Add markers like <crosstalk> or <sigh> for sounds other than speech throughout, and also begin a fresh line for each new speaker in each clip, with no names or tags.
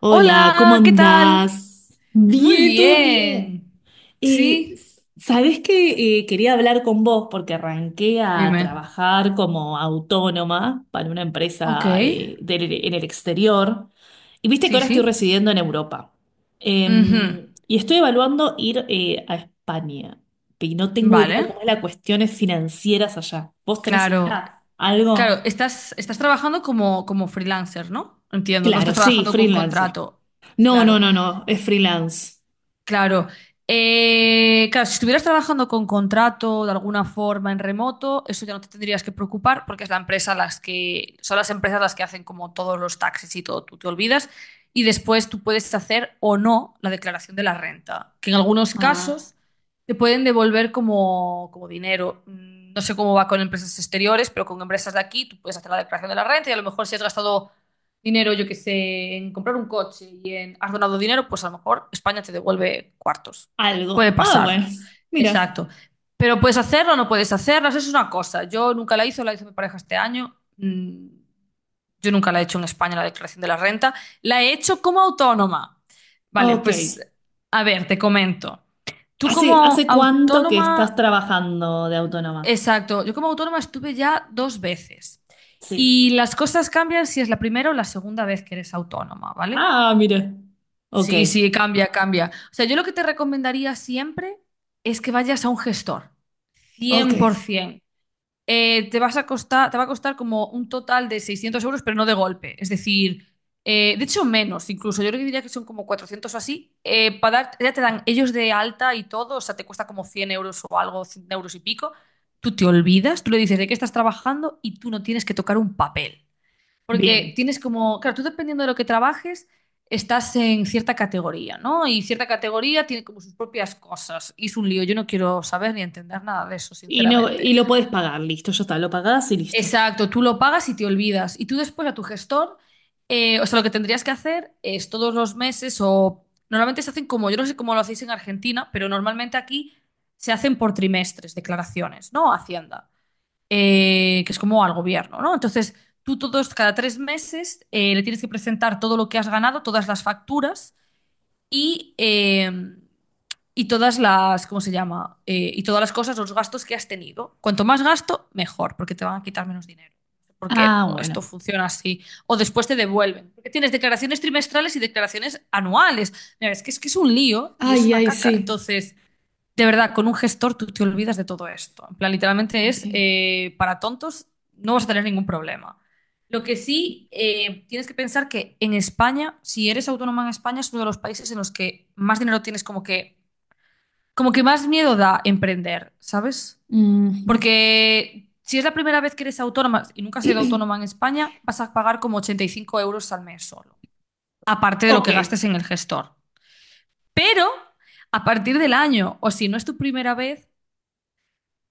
Hola, ¿cómo
Hola, ¿qué tal?
andás?
Muy
Bien, todo bien.
bien.
Eh,
Sí.
sabés que quería hablar con vos porque arranqué a
Dime.
trabajar como autónoma para una
Ok,
empresa en el exterior y viste que
sí,
ahora estoy
sí.
residiendo en Europa.
Ujú.
Y estoy evaluando ir a España y no tengo
Vale,
idea cómo es las cuestiones financieras allá. ¿Vos tenés
claro.
idea?
Claro,
¿Algo?
estás trabajando como freelancer, ¿no? Entiendo, no
Claro,
estás
sí,
trabajando con
freelancer.
contrato.
No, no,
Claro.
no, no, es freelance.
Claro. Claro, si estuvieras trabajando con contrato de alguna forma en remoto, eso ya no te tendrías que preocupar porque es la empresa las que, son las empresas las que hacen como todos los taxis y todo, tú te olvidas. Y después tú puedes hacer o no la declaración de la renta, que en algunos
Ah,
casos te pueden devolver como dinero. Mm, no sé cómo va con empresas exteriores, pero con empresas de aquí tú puedes hacer la declaración de la renta y a lo mejor si has gastado dinero, yo que sé, en comprar un coche y en has donado dinero, pues a lo mejor España te devuelve cuartos. Puede
algo. Ah, bueno,
pasar.
mira.
Exacto. Pero puedes hacerlo o no puedes hacerlo, eso es una cosa. Yo nunca la hice, la hizo mi pareja este año. Mm. Yo nunca la he hecho en España, la declaración de la renta. La he hecho como autónoma. Vale,
Ok.
pues a ver, te comento. Tú
¿Hace,
como
hace cuánto que estás
autónoma.
trabajando de autónoma?
Exacto. Yo como autónoma estuve ya dos veces.
Sí.
Y las cosas cambian si es la primera o la segunda vez que eres autónoma, ¿vale?
Ah, mira. Ok.
Sí, sí, cambia, cambia. O sea, yo lo que te recomendaría siempre es que vayas a un gestor,
Ok.
100%. Te vas a costar, te va a costar como un total de 600 euros, pero no de golpe. Es decir, de hecho menos incluso. Yo creo que diría que son como 400 o así. Para dar, ya te dan ellos de alta y todo, o sea, te cuesta como 100 euros o algo, 100 euros y pico. Tú te olvidas, tú le dices de qué estás trabajando y tú no tienes que tocar un papel. Porque
Bien.
tienes como, claro, tú dependiendo de lo que trabajes, estás en cierta categoría, ¿no? Y cierta categoría tiene como sus propias cosas. Y es un lío, yo no quiero saber ni entender nada de eso,
Y no, y
sinceramente.
lo podés pagar, listo, ya está, lo pagás y listo.
Exacto, tú lo pagas y te olvidas. Y tú después a tu gestor, o sea, lo que tendrías que hacer es todos los meses o normalmente se hacen como, yo no sé cómo lo hacéis en Argentina, pero normalmente aquí se hacen por trimestres declaraciones, ¿no? Hacienda, que es como al gobierno, ¿no? Entonces, tú todos, cada tres meses, le tienes que presentar todo lo que has ganado, todas las facturas y, eh, y todas las, ¿cómo se llama? Y todas las cosas, los gastos que has tenido. Cuanto más gasto, mejor, porque te van a quitar menos dinero. No sé ¿por qué?
Ah,
Pero esto
bueno.
funciona así. O después te devuelven. Porque tienes declaraciones trimestrales y declaraciones anuales. Mira, es que es un lío y es
Ay,
una
ay,
caca.
sí.
Entonces, de verdad, con un gestor tú te olvidas de todo esto. En plan, literalmente
Ok.
es para tontos, no vas a tener ningún problema. Lo que sí tienes que pensar que en España, si eres autónoma en España, es uno de los países en los que más dinero tienes, como que más miedo da emprender, ¿sabes?
Ujú.
Porque si es la primera vez que eres autónoma y nunca has sido autónoma en
<clears throat>
España, vas a pagar como 85 euros al mes solo, aparte de lo
Ok.
que gastes en el gestor. Pero a partir del año, o si no es tu primera vez,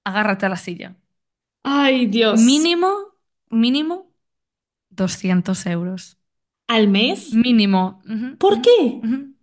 agárrate a la silla.
Ay, Dios.
Mínimo, mínimo 200 euros.
¿Al mes?
Mínimo. Ujú,
¿Por
ujú,
qué?
ujú.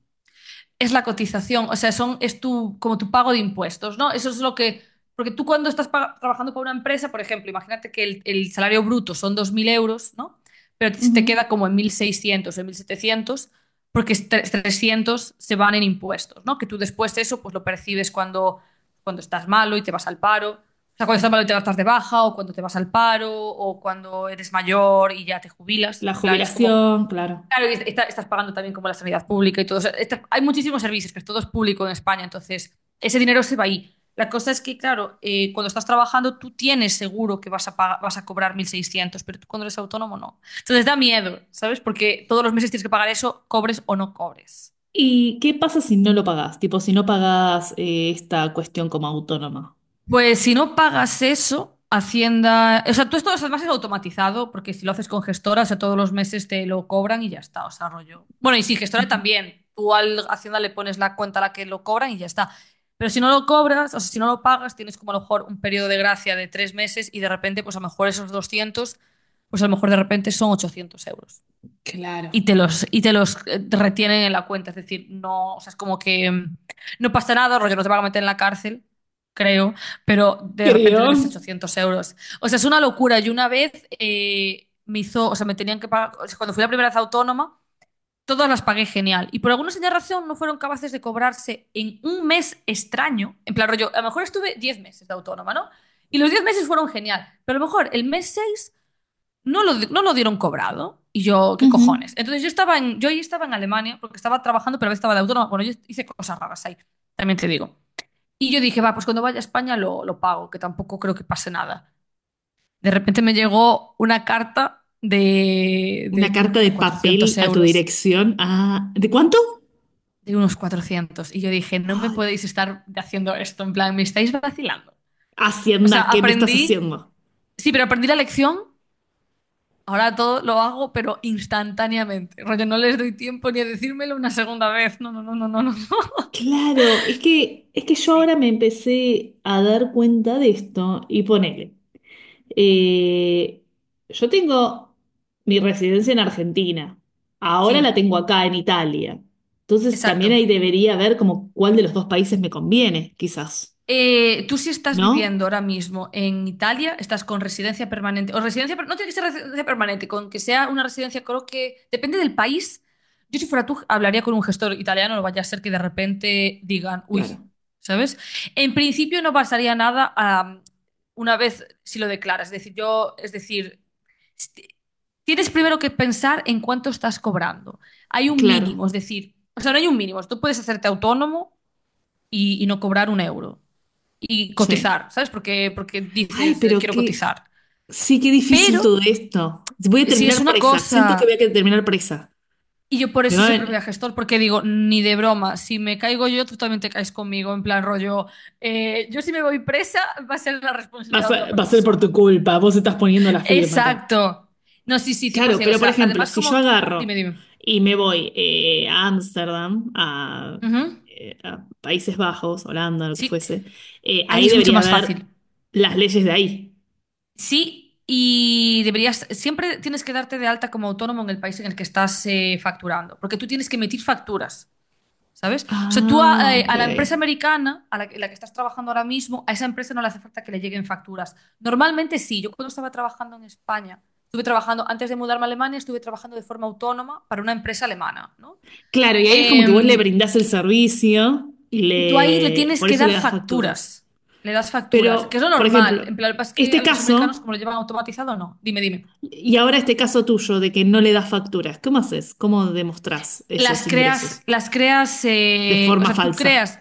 Es la cotización, o sea, son, es tu, como tu pago de impuestos, ¿no? Eso es lo que, porque tú cuando estás trabajando con una empresa, por ejemplo, imagínate que el salario bruto son 2.000 euros, ¿no? Pero te queda
Ujú.
como en 1.600 o en 1.700 porque 300 se van en impuestos, ¿no? Que tú después eso pues lo percibes cuando, cuando estás malo y te vas al paro. O sea, cuando estás malo y te vas de baja, o cuando te vas al paro, o cuando eres mayor y ya te jubilas.
La
En plan, es como.
jubilación, claro.
Claro, y estás pagando también como la sanidad pública y todo. O sea, hay muchísimos servicios, que es todo es público en España, entonces ese dinero se va ahí. La cosa es que, claro, cuando estás trabajando tú tienes seguro que vas a, vas a cobrar 1.600, pero tú cuando eres autónomo no. Entonces da miedo, ¿sabes? Porque todos los meses tienes que pagar eso, cobres o no cobres.
¿Y qué pasa si no lo pagás? Tipo, si no pagás esta cuestión como autónoma.
Pues si no pagas eso, Hacienda. O sea, tú esto además es automatizado, porque si lo haces con gestora, o sea, todos los meses te lo cobran y ya está, o sea, rollo. Bueno, y si gestora
Ujú.
también. Tú al Hacienda le pones la cuenta a la que lo cobran y ya está. Pero si no lo cobras, o sea, si no lo pagas, tienes como a lo mejor un periodo de gracia de 3 meses y de repente, pues a lo mejor esos 200, pues a lo mejor de repente son 800 euros
Claro.
y te los retienen en la cuenta. Es decir, no, o sea, es como que mm, no pasa nada, rollo, no te van a meter en la cárcel, creo, pero de repente
Creo.
debes 800 euros. O sea, es una locura. Y una vez me hizo, o sea, me tenían que pagar, o sea, cuando fui la primera vez autónoma, todas las pagué genial. Y por alguna señal razón no fueron capaces de cobrarse en un mes extraño. En plan, rollo, a lo mejor estuve 10 meses de autónoma, ¿no? Y los 10 meses fueron genial, pero a lo mejor el mes 6 no lo dieron cobrado. Y yo, ¿qué cojones?
Ujú.
Entonces yo ahí estaba en Alemania porque estaba trabajando, pero a veces estaba de autónoma. Bueno, yo hice cosas raras ahí, también te digo. Y yo dije, va, pues cuando vaya a España lo pago, que tampoco creo que pase nada. De repente me llegó una carta
Una
de creo que
carta
eran
de papel
400
a tu
euros,
dirección. Ah, ¿de cuánto?
de unos 400. Y yo dije, no me
Ay,
podéis estar haciendo esto, en plan, me estáis vacilando. O sea,
Hacienda, ¿qué me estás
aprendí,
haciendo?
sí, pero aprendí la lección. Ahora todo lo hago, pero instantáneamente. Rollo, no les doy tiempo ni a decírmelo una segunda vez. No, no, no, no, no, no. <laughs> No.
Claro, es que yo ahora
Sí,
me empecé a dar cuenta de esto y ponele. Eh, yo tengo mi residencia en Argentina. Ahora la
sí,
tengo acá en Italia. Entonces también
exacto.
ahí debería ver como cuál de los dos países me conviene, quizás.
Tú si estás
¿No?
viviendo ahora mismo en Italia, estás con residencia permanente, o residencia, no tiene que ser residencia permanente, con que sea una residencia, creo que depende del país. Yo si fuera tú hablaría con un gestor italiano, no vaya a ser que de repente digan,
Claro,
uy, ¿sabes? En principio no pasaría nada una vez si lo declaras, es decir, yo, es decir, st- tienes primero que pensar en cuánto estás cobrando. Hay un
claro,
mínimo, es decir, o sea, no hay un mínimo, tú puedes hacerte autónomo y no cobrar un euro y
sí.
cotizar, ¿sabes? Porque, porque
Ay,
dices,
pero
quiero
qué,
cotizar.
sí, qué difícil
Pero
todo esto. Voy a
si es
terminar
una
presa, siento que voy a
cosa,
terminar presa.
y yo por
Me
eso
va a,
siempre voy a
ven-
gestor, porque digo, ni de broma, si me caigo yo, tú también te caes conmigo, en plan rollo, yo si me voy presa, va a ser la responsabilidad
vas
de
a- Ser, va
otra
a ser por tu
persona.
culpa. Vos estás poniendo la firma acá.
Exacto. No, sí, sí,
Claro,
100%. O
pero por
sea,
ejemplo,
además
si yo
como... Dime,
agarro
dime.
y me voy a Ámsterdam,
Ujú.
a Países Bajos, Holanda, lo que
Sí,
fuese,
ahí
ahí
es mucho
debería
más
haber
fácil.
las leyes de ahí.
Sí, y deberías, siempre tienes que darte de alta como autónomo en el país en el que estás facturando, porque tú tienes que emitir facturas. ¿Sabes? O sea,
Ah, ok.
a la empresa americana, a la que estás trabajando ahora mismo, a esa empresa no le hace falta que le lleguen facturas. Normalmente sí. Yo cuando estaba trabajando en España, estuve trabajando, antes de mudarme a Alemania, estuve trabajando de forma autónoma para una empresa alemana, ¿no?
Claro, y ahí es como que vos le
Eh,
brindás el servicio y
y tú ahí le
le,
tienes
por
que
eso le
dar
das facturas.
facturas. Le das facturas, que es
Pero,
lo
por
normal.
ejemplo,
En plan, lo que pasa es que
este
a los americanos,
caso,
como lo llevan automatizado, no. Dime, dime.
y ahora este caso tuyo de que no le das facturas, ¿cómo haces? ¿Cómo demostrás esos ingresos?
Las creas,
De
o
forma
sea,
falsa.
creas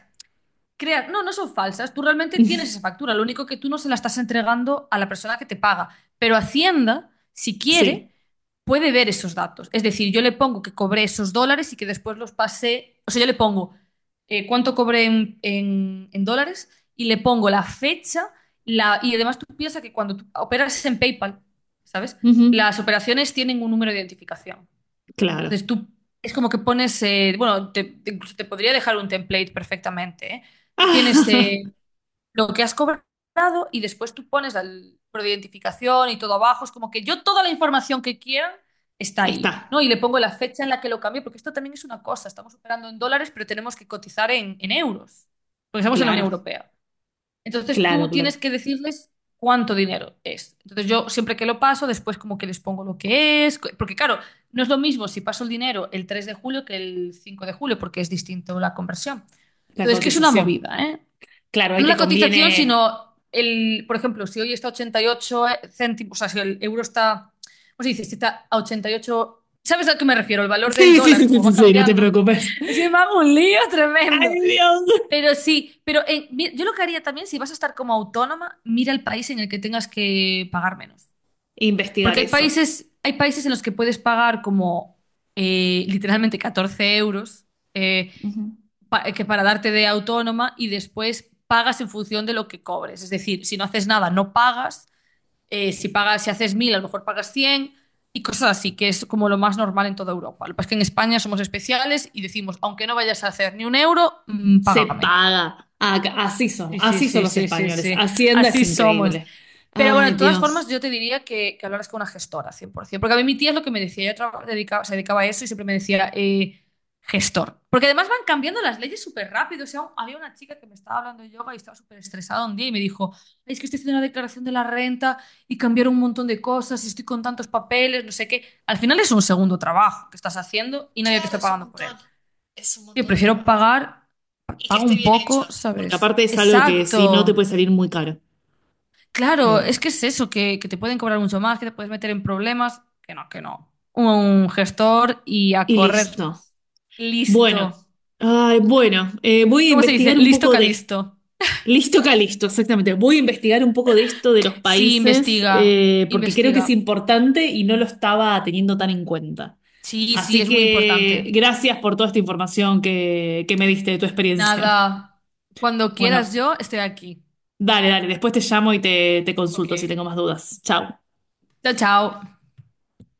crear, no, no son falsas, tú realmente tienes esa factura, lo único que tú no se la estás entregando a la persona que te paga, pero Hacienda, si quiere,
Sí.
puede ver esos datos. Es decir, yo le pongo que cobré esos dólares y que después los pasé, o sea, yo le pongo cuánto cobré en dólares y le pongo la fecha y además tú piensas que cuando tú operas en PayPal, ¿sabes?
Ujú.
Las operaciones tienen un número de identificación.
Claro.
Entonces tú es como que pones, bueno, incluso te podría dejar un template perfectamente, ¿eh? Tú tienes
<laughs>
lo que has cobrado y después tú pones el número de identificación y todo abajo. Es como que yo toda la información que quieran está ahí,
Está,
¿no? Y le pongo la fecha en la que lo cambié, porque esto también es una cosa. Estamos operando en dólares, pero tenemos que cotizar en euros, porque estamos en la Unión
claro,
Europea. Entonces
claro,
tú
claro.
tienes que decirles cuánto dinero es. Entonces yo siempre que lo paso, después como que les pongo lo que es, porque claro, no es lo mismo si paso el dinero el 3 de julio que el 5 de julio, porque es distinto la conversión.
La
Entonces, que es una
cotización.
movida, ¿eh?
Claro, ahí
No
te
la cotización,
conviene.
sino el, por ejemplo, si hoy está a 88 céntimos, o sea, si el euro está, ¿cómo se dice? ¿Si está a 88? ¿Sabes a qué me refiero? El valor del
Sí, sí, sí,
dólar,
sí,
como
sí,
va
sí, no te
cambiando.
preocupes.
Es que me hago un lío tremendo.
Ay, Dios.
Pero sí, pero yo lo que haría también, si vas a estar como autónoma, mira el país en el que tengas que pagar menos.
Investigar
Porque
eso.
hay países en los que puedes pagar como literalmente 14 euros eh,
Ujú.
que para darte de autónoma y después pagas en función de lo que cobres. Es decir, si no haces nada, no pagas. Si pagas, si haces 1000 a lo mejor pagas 100 y cosas así, que es como lo más normal en toda Europa. Lo que pasa es que en España somos especiales y decimos, aunque no vayas a hacer ni un euro, mm,
Se
págame.
paga.
Sí, sí,
Así son
sí,
los
sí, sí,
españoles.
sí.
Hacienda es
Así somos.
increíble.
Pero bueno,
Ay,
de todas
Dios.
formas, yo te diría que hablaras con una gestora, 100%. Porque a mí mi tía es lo que me decía. Ella se dedicaba a eso y siempre me decía gestor. Porque además van cambiando las leyes súper rápido. O sea, había una chica que me estaba hablando de yoga y estaba súper estresada un día y me dijo, "Ay, es que estoy haciendo una declaración de la renta y cambiaron un montón de cosas y estoy con tantos papeles, no sé qué. Al final es un segundo trabajo que estás haciendo y nadie te
Claro,
está
es un
pagando por él."
montón. Es un
Yo
montón de
prefiero
trabajo.
pagar,
Y que
pago
esté
un
bien hecho.
poco,
Porque
¿sabes?
aparte es algo que si no te
Exacto.
puede salir muy caro.
Claro, es
Eh,
que es eso, que te pueden cobrar mucho más, que te puedes meter en problemas, que no, que no. Un gestor y a
y
correr.
listo. Bueno,
Listo.
ay, bueno, voy a
¿Cómo se dice?
investigar un
Listo,
poco de esto.
calisto.
Listo, Calisto, exactamente. Voy a investigar un poco de esto de los
Sí,
países,
investiga,
porque creo que es
investiga.
importante y no lo estaba teniendo tan en cuenta.
Sí, sí,
Así
es muy
que
importante.
gracias por toda esta información que me diste de tu experiencia. <laughs>
Nada, cuando quieras
Bueno,
yo estoy aquí.
dale, dale, después te llamo y te
Ok.
consulto si tengo más dudas. Chao.
Chao, chao.